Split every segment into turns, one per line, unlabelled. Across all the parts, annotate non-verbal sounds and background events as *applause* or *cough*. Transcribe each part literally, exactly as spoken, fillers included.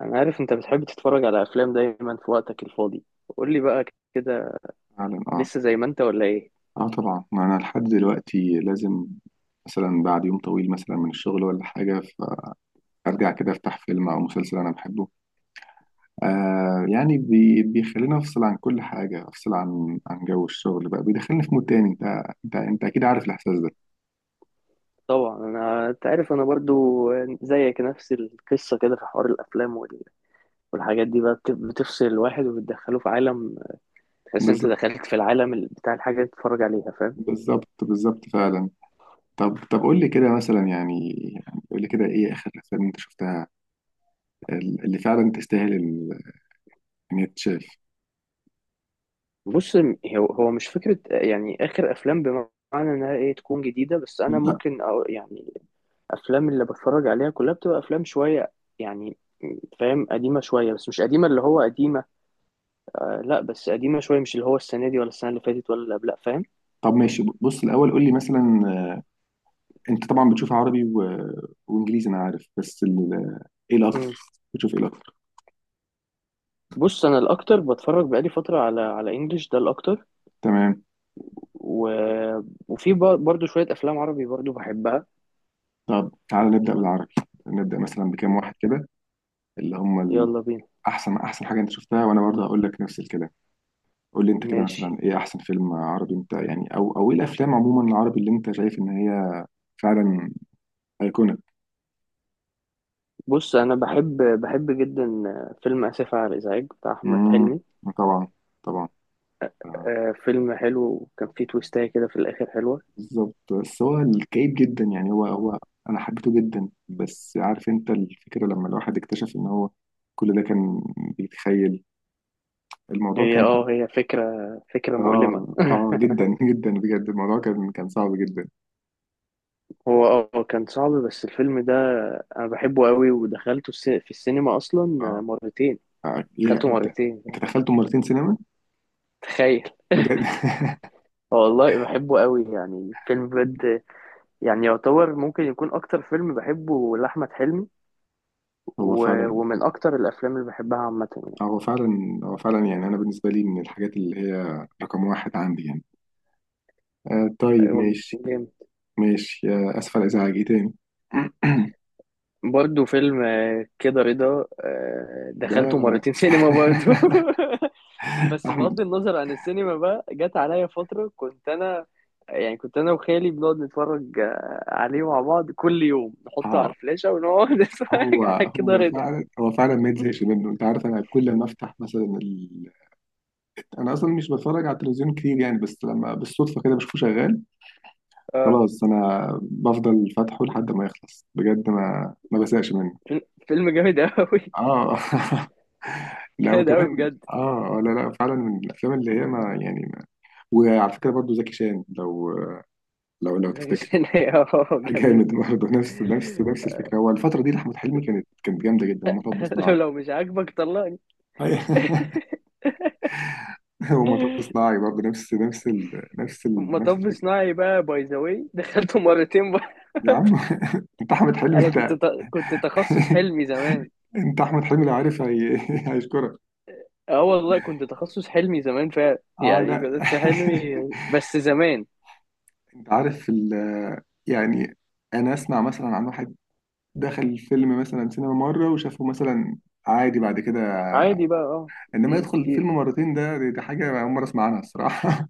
انا عارف انت بتحب تتفرج على افلام دايما في وقتك الفاضي. قول لي بقى كده،
فعلا اه.
لسه زي ما انت ولا ايه؟
اه طبعا، ما انا لحد دلوقتي لازم، مثلا بعد يوم طويل مثلا من الشغل ولا حاجه، فارجع كده افتح فيلم او مسلسل انا بحبه. آه يعني بي بيخليني افصل عن كل حاجه، افصل عن عن جو الشغل، بقى بيدخلني في مود تاني. انت انت انت اكيد عارف الاحساس ده.
طبعا، انا انت عارف انا برضو زيك، نفس القصه كده، في حوار الافلام وال- والحاجات دي بقى بت- بتفصل الواحد وبتدخله في عالم. تحس انت
بالظبط
دخلت في العالم ال- بتاع الحاجه اللي بتتفرج عليها، فاهم؟
بالظبط بالظبط فعلا. طب طب قول لي كده مثلا، يعني يعني قول لي كده ايه اخر الافلام انت شفتها، اللي فعلا تستاهل ال- ان هي تتشاف.
بص، م- هو هو مش فكره يعني اخر افلام بمعنى انها ايه تكون جديده، بس انا
لا.
ممكن أقول يعني افلام اللي بتفرج عليها كلها بتبقى افلام شويه، يعني، فاهم، قديمه شويه، بس مش قديمه اللي هو قديمه. لا، بس قديمة شوية، مش اللي هو السنة دي ولا السنة اللي فاتت ولا اللي قبلها، فاهم؟
طب ماشي، بص الاول قول لي مثلا، انت طبعا بتشوف عربي و... وانجليزي انا عارف، بس ال... ايه الاكتر
مم.
بتشوف ايه الاكتر؟
بص، أنا الأكتر بتفرج بقالي فترة على على إنجلش، ده الأكتر.
تمام.
و... وفي ب- برضو شوية أفلام عربي برضو بحبها.
طب تعالى نبدا بالعربي، نبدا مثلا بكام واحد كده، اللي هم ال-
يلا بينا.
احسن احسن حاجه انت شفتها، وانا برضه هقول لك نفس الكلام. قول لي انت كده
ماشي.
مثلا ايه احسن فيلم عربي انت يعني، او او ايه الافلام عموما العربي اللي انت شايف ان هي فعلا ايقونه.
بص، أنا بحب بحب جدا فيلم آسف على الإزعاج بتاع أحمد
امم
حلمي.
طبعا طبعا. آه،
آه، فيلم حلو، كان فيه تويستاية كده في الآخر حلوة.
بالظبط. بس هو الكئيب جدا، يعني هو هو، انا حبيته جدا، بس عارف انت الفكره لما الواحد اكتشف ان هو كل ده كان بيتخيل، الموضوع
هي
كان،
اه هي فكرة فكرة مؤلمة.
اه اه جدا *laughs* جدا بجد. الموضوع كان كان صعب جدا.
هو اه كان صعب، بس الفيلم ده أنا بحبه قوي، ودخلته الس- في السينما أصلا
اه.
مرتين.
آه، ايه؟
اكلته
انت
مرتين،
انت دخلته مرتين سينما؟
تخيل.
بجد؟
والله بحبه قوي، يعني فيلم بجد، يعني يعتبر ممكن يكون اكتر فيلم بحبه لاحمد حلمي.
*laughs* هو
و...
فعلا،
ومن اكتر الافلام اللي بحبها عامه.
هو فعلا، هو فعلا يعني انا بالنسبه لي من الحاجات اللي هي رقم واحد عندي يعني. آه طيب
يعني هو
ماشي.
جامد.
ماشي، آه اسف على الازعاج، ايه تاني؟
برضه فيلم آه، كده رضا، آه،
*clears throat* ده
دخلته مرتين سينما برضه.
*laughs*
*laughs* بس
احمد.
بغض النظر عن السينما بقى، جت عليا فتره كنت انا، يعني كنت انا وخالي بنقعد نتفرج آه، عليه مع بعض كل يوم، نحطه على
اه،
الفلاشه ونقعد *laughs*
هو
نتفرج على كده
هو
رضا.
فعلا، هو فعلا ما يتزهقش منه، انت عارف انا كل ما افتح مثلا ال... انا اصلا مش بتفرج على التلفزيون كتير يعني، بس لما بالصدفه كده بشوفه شغال،
آه.
خلاص انا بفضل فاتحه لحد ما يخلص بجد، ما ما بزهقش منه.
فيلم فيلم جامد أوي.
اه *laughs*
*laughs*
لا
جامد أوي،
وكمان
بجد.
اه، آه، لا لا، فعلا من الافلام اللي هي ما يعني ما... وعلى فكره برضه زكي شان، لو لو لو
زكي
تفتكر.
شان *laughs* اه،
*laughs*
جميل.
جامد برضه، نفس
*laughs*
نفس نفس الفكره. هو الفتره دي لاحمد حلمي كانت كانت جامده جدا. ومطب
لو
صناعي
لو مش عاجبك طلقني.
*laughs* *laughs* ومطب صناعي برضه، نفس نفس ال... نفس ال... نفس
مطب *laughs*
الفكرة.
صناعي بقى، باي ذا واي *laughs* دخلته مرتين بقى.
يا عم
*laughs*
*laughs* انت احمد حلمي
انا كنت
انت.
ت... كنت تخصص حلمي زمان.
*laughs* انت احمد حلمي لو عارف هي... *laughs* هيشكرك.
اه والله، كنت تخصص حلمي زمان فعلا،
اه
يعني
لا
كنت في
*laughs*
حلمي بس زمان.
انت عارف ال... يعني انا اسمع مثلا عن واحد دخل الفيلم مثلا سينما مره وشافه مثلا عادي بعد كده،
عادي بقى، اه.
انما
أمم،
يدخل
كتير.
الفيلم مرتين ده، دي, دي حاجه اول مره اسمع عنها الصراحه.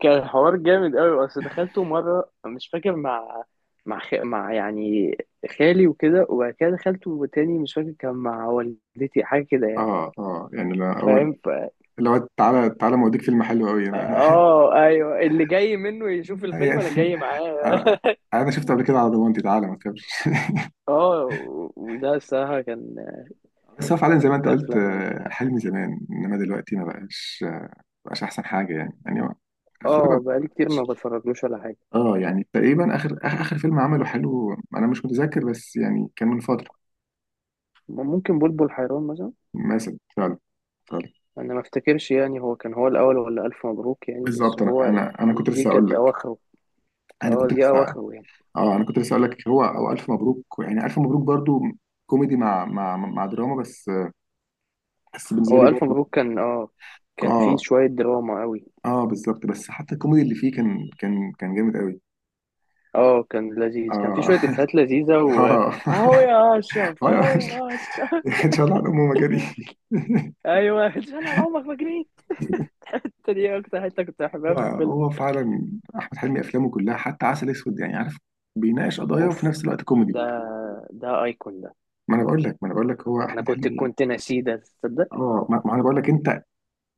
كان حوار جامد قوي، بس دخلته مره، مش فاكر مع مع خ... مع يعني خالي وكده، وبعد كده دخلته تاني مش فاكر، كان مع والدتي حاجه كده
*laughs*
يعني.
اه اه يعني، لا اول
فاهم؟ ف...
لو تعالى تعالى ما اوديك فيلم حلو قوي *laughs*
اه، ايوه، اللي جاي منه يشوف الفيلم
يعني
انا جاي معاه.
انا
*laughs*
أنا شفته قبل كده على ضمانتي تعالى ما تكبرش *laughs*
اه، و- وده الصراحه كان،
بس هو فعلا زي ما انت
كانت
قلت
افلام جامده.
آه، حلمي زمان انما دلوقتي ما بقاش، آه، ما بقاش احسن حاجه، يعني يعني هو افلام
اه،
ما
بقالي كتير
بقاش.
ما بتفرجلوش ولا حاجه.
اه يعني تقريبا اخر اخر آخر فيلم عمله حلو انا مش متذكر، بس يعني كان من فتره.
ممكن بلبل حيران مثلا.
مثلا فعلا، فعلا
انا ما افتكرش يعني، هو كان هو الاول ولا الف مبروك يعني، بس
بالظبط. انا
هو
انا انا كنت
دي
لسه اقول
كانت
لك،
اواخره.
انا
اه،
كنت
دي
لسه،
اواخره يعني.
اه انا كنت لسه اقول لك، هو او الف مبروك، يعني الف مبروك برضو كوميدي مع مع مع دراما، بس بس بالنسبه لي
هو ألف
برضو.
مبروك كان اه كان فيه
اه
شوية دراما قوي.
اه بالظبط. بس حتى الكوميدي اللي فيه كان كان كان جامد قوي.
اه، كان لذيذ، كان فيه
اه
شوية إفيهات لذيذة
*laughs*
و أهو
اه
يا
*laughs*
أشرف،
اه،
أهو
يا- أشلي.
يا أشرف.
ان شاء الله على امه مجدي
*laughs*
*laughs*
أيوه، اتشال على عمرك ما جريت. دي أكتر حتة كنت
هو
بحبها في الفيلم.
هو فعلا، احمد حلمي افلامه كلها حتى عسل اسود، يعني عارف بيناقش قضايا وفي
أوف،
نفس الوقت كوميدي.
ده ده أيكون ده.
ما انا بقول لك، ما انا بقول لك هو
أنا
احمد
كنت
حلمي.
كنت ناسيه ده، تصدق.
اه ما ما انا بقول لك انت،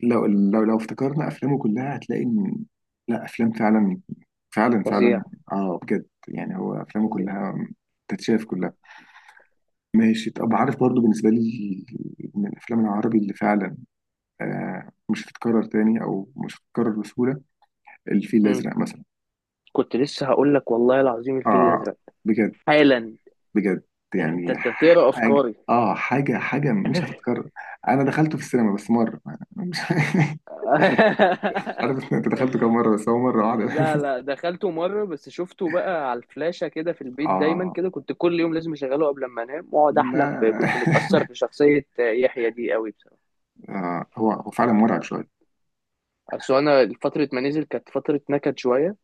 لو لو لو افتكرنا افلامه كلها هتلاقي ان، لا افلام فعلا، فعلا
فظيع،
فعلا. اه بجد يعني هو افلامه
فظيع.
كلها تتشاف كلها. ماشي، طب عارف برضو بالنسبة لي من الأفلام العربي اللي فعلا آه مش هتتكرر تاني، أو مش هتتكرر بسهولة، الفيل
مم.
الأزرق مثلا.
كنت لسه هقول لك، والله العظيم الفيل
آه
الأزرق،
بجد،
حالا.
بجد
إيه، انت
يعني،
إنت بتقرا
حاجة
افكاري؟
آه، حاجة حاجة مش هتتكرر. أنا دخلته في السينما بس مرة، مش *laughs* مش
*laughs*
عارف أنت دخلته كام مرة، بس هو مرة واحدة
لا،
*laughs*
لا، دخلته مرة بس، شفته بقى على الفلاشة كده في البيت دايما
آه
كده، كنت كل يوم لازم اشغله قبل ما انام، واقعد
لا
احلم ب... كنت
*laughs*
متأثر بشخصية يحيى دي قوي بصراحة.
آه هو هو فعلا مرعب شوية.
اصل انا فترة ما نزل كانت فترة نكد شوية،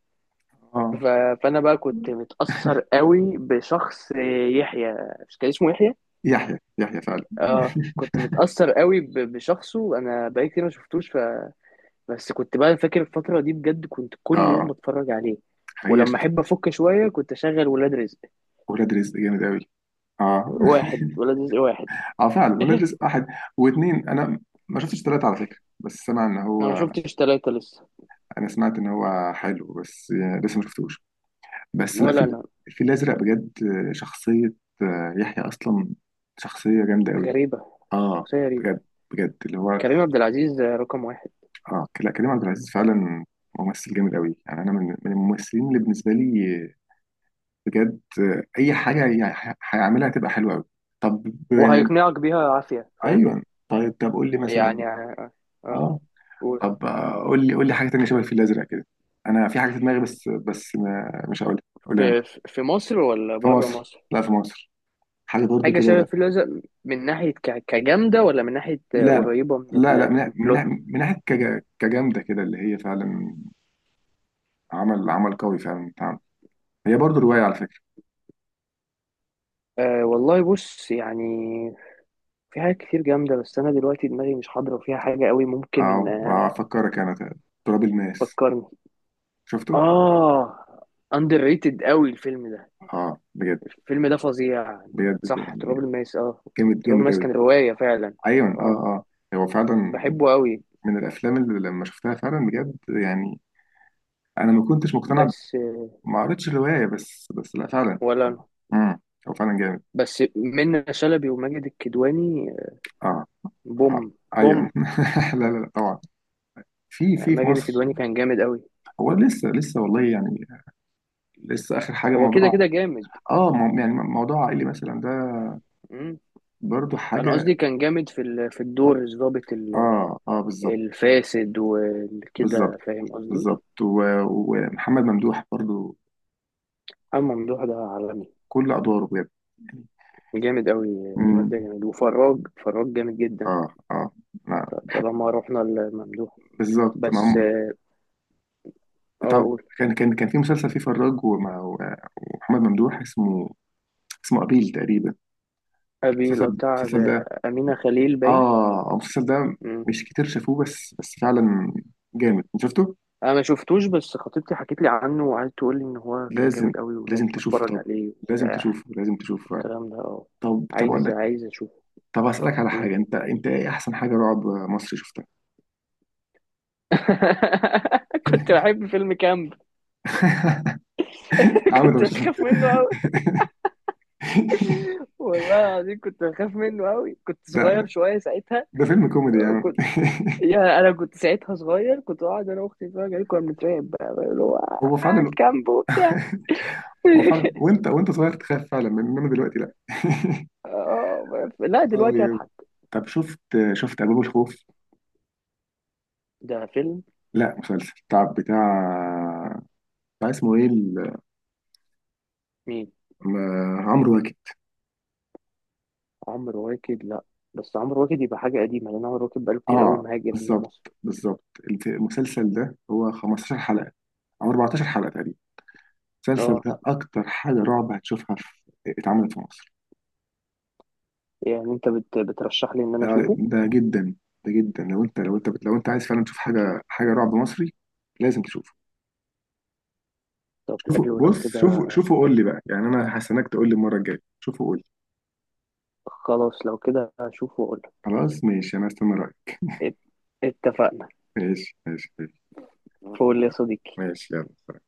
آه،
ف... فانا بقى كنت متأثر قوي بشخص يحيى. مش كان اسمه يحيى؟
يحيى يحيى فعلا
اه،
*laughs*
كنت متأثر قوي ب... بشخصه. انا بقالي كتير ما شفتوش. ف... بس كنت بقى فاكر الفترة دي، بجد كنت كل يوم
آه
بتفرج عليه.
هي
ولما
شخص.
احب افك شوية كنت اشغل ولاد رزق
ولاد رزق جامد أوي، آه
واحد،
*laughs*
ولاد رزق واحد.
اه فعلا ولاد واحد واثنين، انا ما شفتش ثلاثة على فكرة، بس سمع ان
انا ما
هو،
شفتش ثلاثة لسه.
انا سمعت ان هو حلو بس لسه ما شفتوش. بس لا، في
ولا انا.
الفيل الازرق بجد، شخصية آه، يحيى اصلا شخصية جامدة قوي.
غريبة
اه
شخصية غريبة.
بجد، بجد اللي هو،
كريم عبد العزيز رقم واحد.
اه لا كريم عبد العزيز فعلا ممثل جامد قوي يعني، انا من من الممثلين اللي بالنسبة لي بجد، آه، اي حاجة يعني هيعملها تبقى حلوة قوي. طب آه،
وهيقنعك بيها عافية، فاهم؟
ايوه طيب، طب قول لي مثلا،
يعني اه، آه.
اه
قول.
طب آه، قول لي قول لي حاجه تانية شبه الفيل الازرق كده. انا في حاجه في دماغي، بس بس ما مش هقولها، قولها انت.
في في في مصر ولا
في
بره
مصر،
مصر؟
لا في مصر، حاجة برضو
حاجة شبه
كده.
الفيل الأزرق من ناحية ك- كجامدة، ولا من ناحية آه،
لا
قريبة من
لا لا،
ال-
من من
البلوت؟
من ناحيه كج- كجامده كده، اللي هي فعلا، عمل عمل قوي فعلا اتعمل، هي برضو روايه على فكره.
أه والله، بص يعني، في حاجات كتير جامدة بس أنا دلوقتي دماغي مش حاضرة فيها، حاجة قوي ممكن
آه،
آه،
هفكرك انا، ت- تراب الماس
تفكرني.
شفته؟
آه، أندر ريتد قوي الفيلم ده.
اه بجد،
الفيلم ده فظيع يعني.
بجد
صح،
يعني،
تراب الماس، اه.
جامد
تراب
جامد
الماس
قوي.
كان رواية فعلا.
ايوه اه
اه،
اه، هو فعلا
بحبه قوي.
من الافلام اللي لما شفتها فعلا بجد يعني، انا ما كنتش مقتنع،
بس
ما قريتش الرواية، بس بس لا فعلا.
ولا أنا.
امم، هو فعلا جامد.
بس منة شلبي وماجد الكدواني،
اه،
بوم،
آه،
بوم.
ايوه *laughs* لا لا لا طبعا، في في في
ماجد
مصر
الكدواني كان جامد قوي.
هو لسه لسه والله يعني، لسه اخر حاجه،
هو كده
موضوع
كده جامد.
اه، مو- يعني موضوع عائلي مثلا ده،
مم.
برضو
انا
حاجه.
قصدي كان جامد في ال- في الدور الضابط ال-
اه اه بالظبط
الفاسد وكده،
بالظبط
فاهم قصدي؟
بالظبط. و- ومحمد ممدوح برضو
اما ممدوح ده عالمي،
كل ادواره بجد يعني.
جامد قوي. الواد
امم.
ده جامد، وفراج، فراج جامد جدا.
اه اه ما
ط-
بح-
طالما رحنا لممدوح.
بالظبط، ما
بس
هم.
اه،
طب
قول.
كان كان كان في مسلسل فيه فراج وما- ومحمد ممدوح، اسمه اسمه قابيل تقريبا،
أبي
المسلسل
بتاع
المسلسل ده،
أمينة خليل باين.
اه المسلسل ده
مم.
مش كتير شافوه، بس بس فعلا جامد. انت شفته؟
أنا ما شفتوش، بس خطيبتي حكيت لي عنه، وقعدت تقول لي إن هو كان
لازم
جامد قوي
لازم
ولازم
تشوفه،
أتفرج
طب،
عليه
لازم
وبتاع
تشوفه، لازم تشوفه فعلا.
الكلام ده، أه.
طب طب اقول
عايز
لك،
عايز أشوفه.
طب اسالك على
مم.
حاجه، انت انت ايه احسن حاجه رعب مصري شفتها؟
*laughs* كنت بحب فيلم كامب.
*laughs*
*laughs*
عامل ده
كنت
مش
بخاف
*laughs*
منه قوي، والله العظيم كنت بخاف منه قوي، كنت صغير
ده
شوية ساعتها.
ده فيلم كوميدي يا عم
كنت
*laughs*
يا انا كنت ساعتها صغير، كنت قاعد انا واختي نتفرج عليه، كنا بنترعب بقى بقى اللي هو
هو
آه،
فعلا،
كامب وبتاع.
هو فعلا، وانت وانت صغير تخاف فعلا، انما دلوقتي لا *laughs*
*laughs* آه، لا،
اه
دلوقتي
يا-
اضحك.
طب شفت، شفت ابواب الخوف،
ده فيلم؟
لا مسلسل بتاع بتاع بتاع اسمه ايه ال-
مين؟
م- عمرو واكد.
عمرو واكد. لا، بس عمرو واكد يبقى حاجة قديمة لأن عمرو واكد بقاله كتير قوي
اه
مهاجر من
بالظبط
مصر.
بالظبط. الف- المسلسل ده هو خمستاشر حلقة او اربعتاشر حلقة تقريبا، المسلسل
اه،
ده اكتر حاجة رعب هتشوفها، في اتعملت في مصر.
يعني أنت بت... بترشح لي إن أنا
آه،
أشوفه؟
ده جدا، ده جدا لو انت، لو انت لو انت عايز فعلا تشوف حاجة، حاجة رعب مصري لازم تشوفه.
طب
شوفه،
حلو لو
بص شوفه
كده.
شوفه قول لي بقى، يعني انا هستناك تقول لي المرة الجاية، شوفه قول لي.
خلاص لو كده أشوفه وأقول لك.
خلاص ماشي، انا هستنى رأيك.
ات- اتفقنا.
ماشي ماشي ماشي.
فول يا
يلا.
صديقي.
ماشي يلا.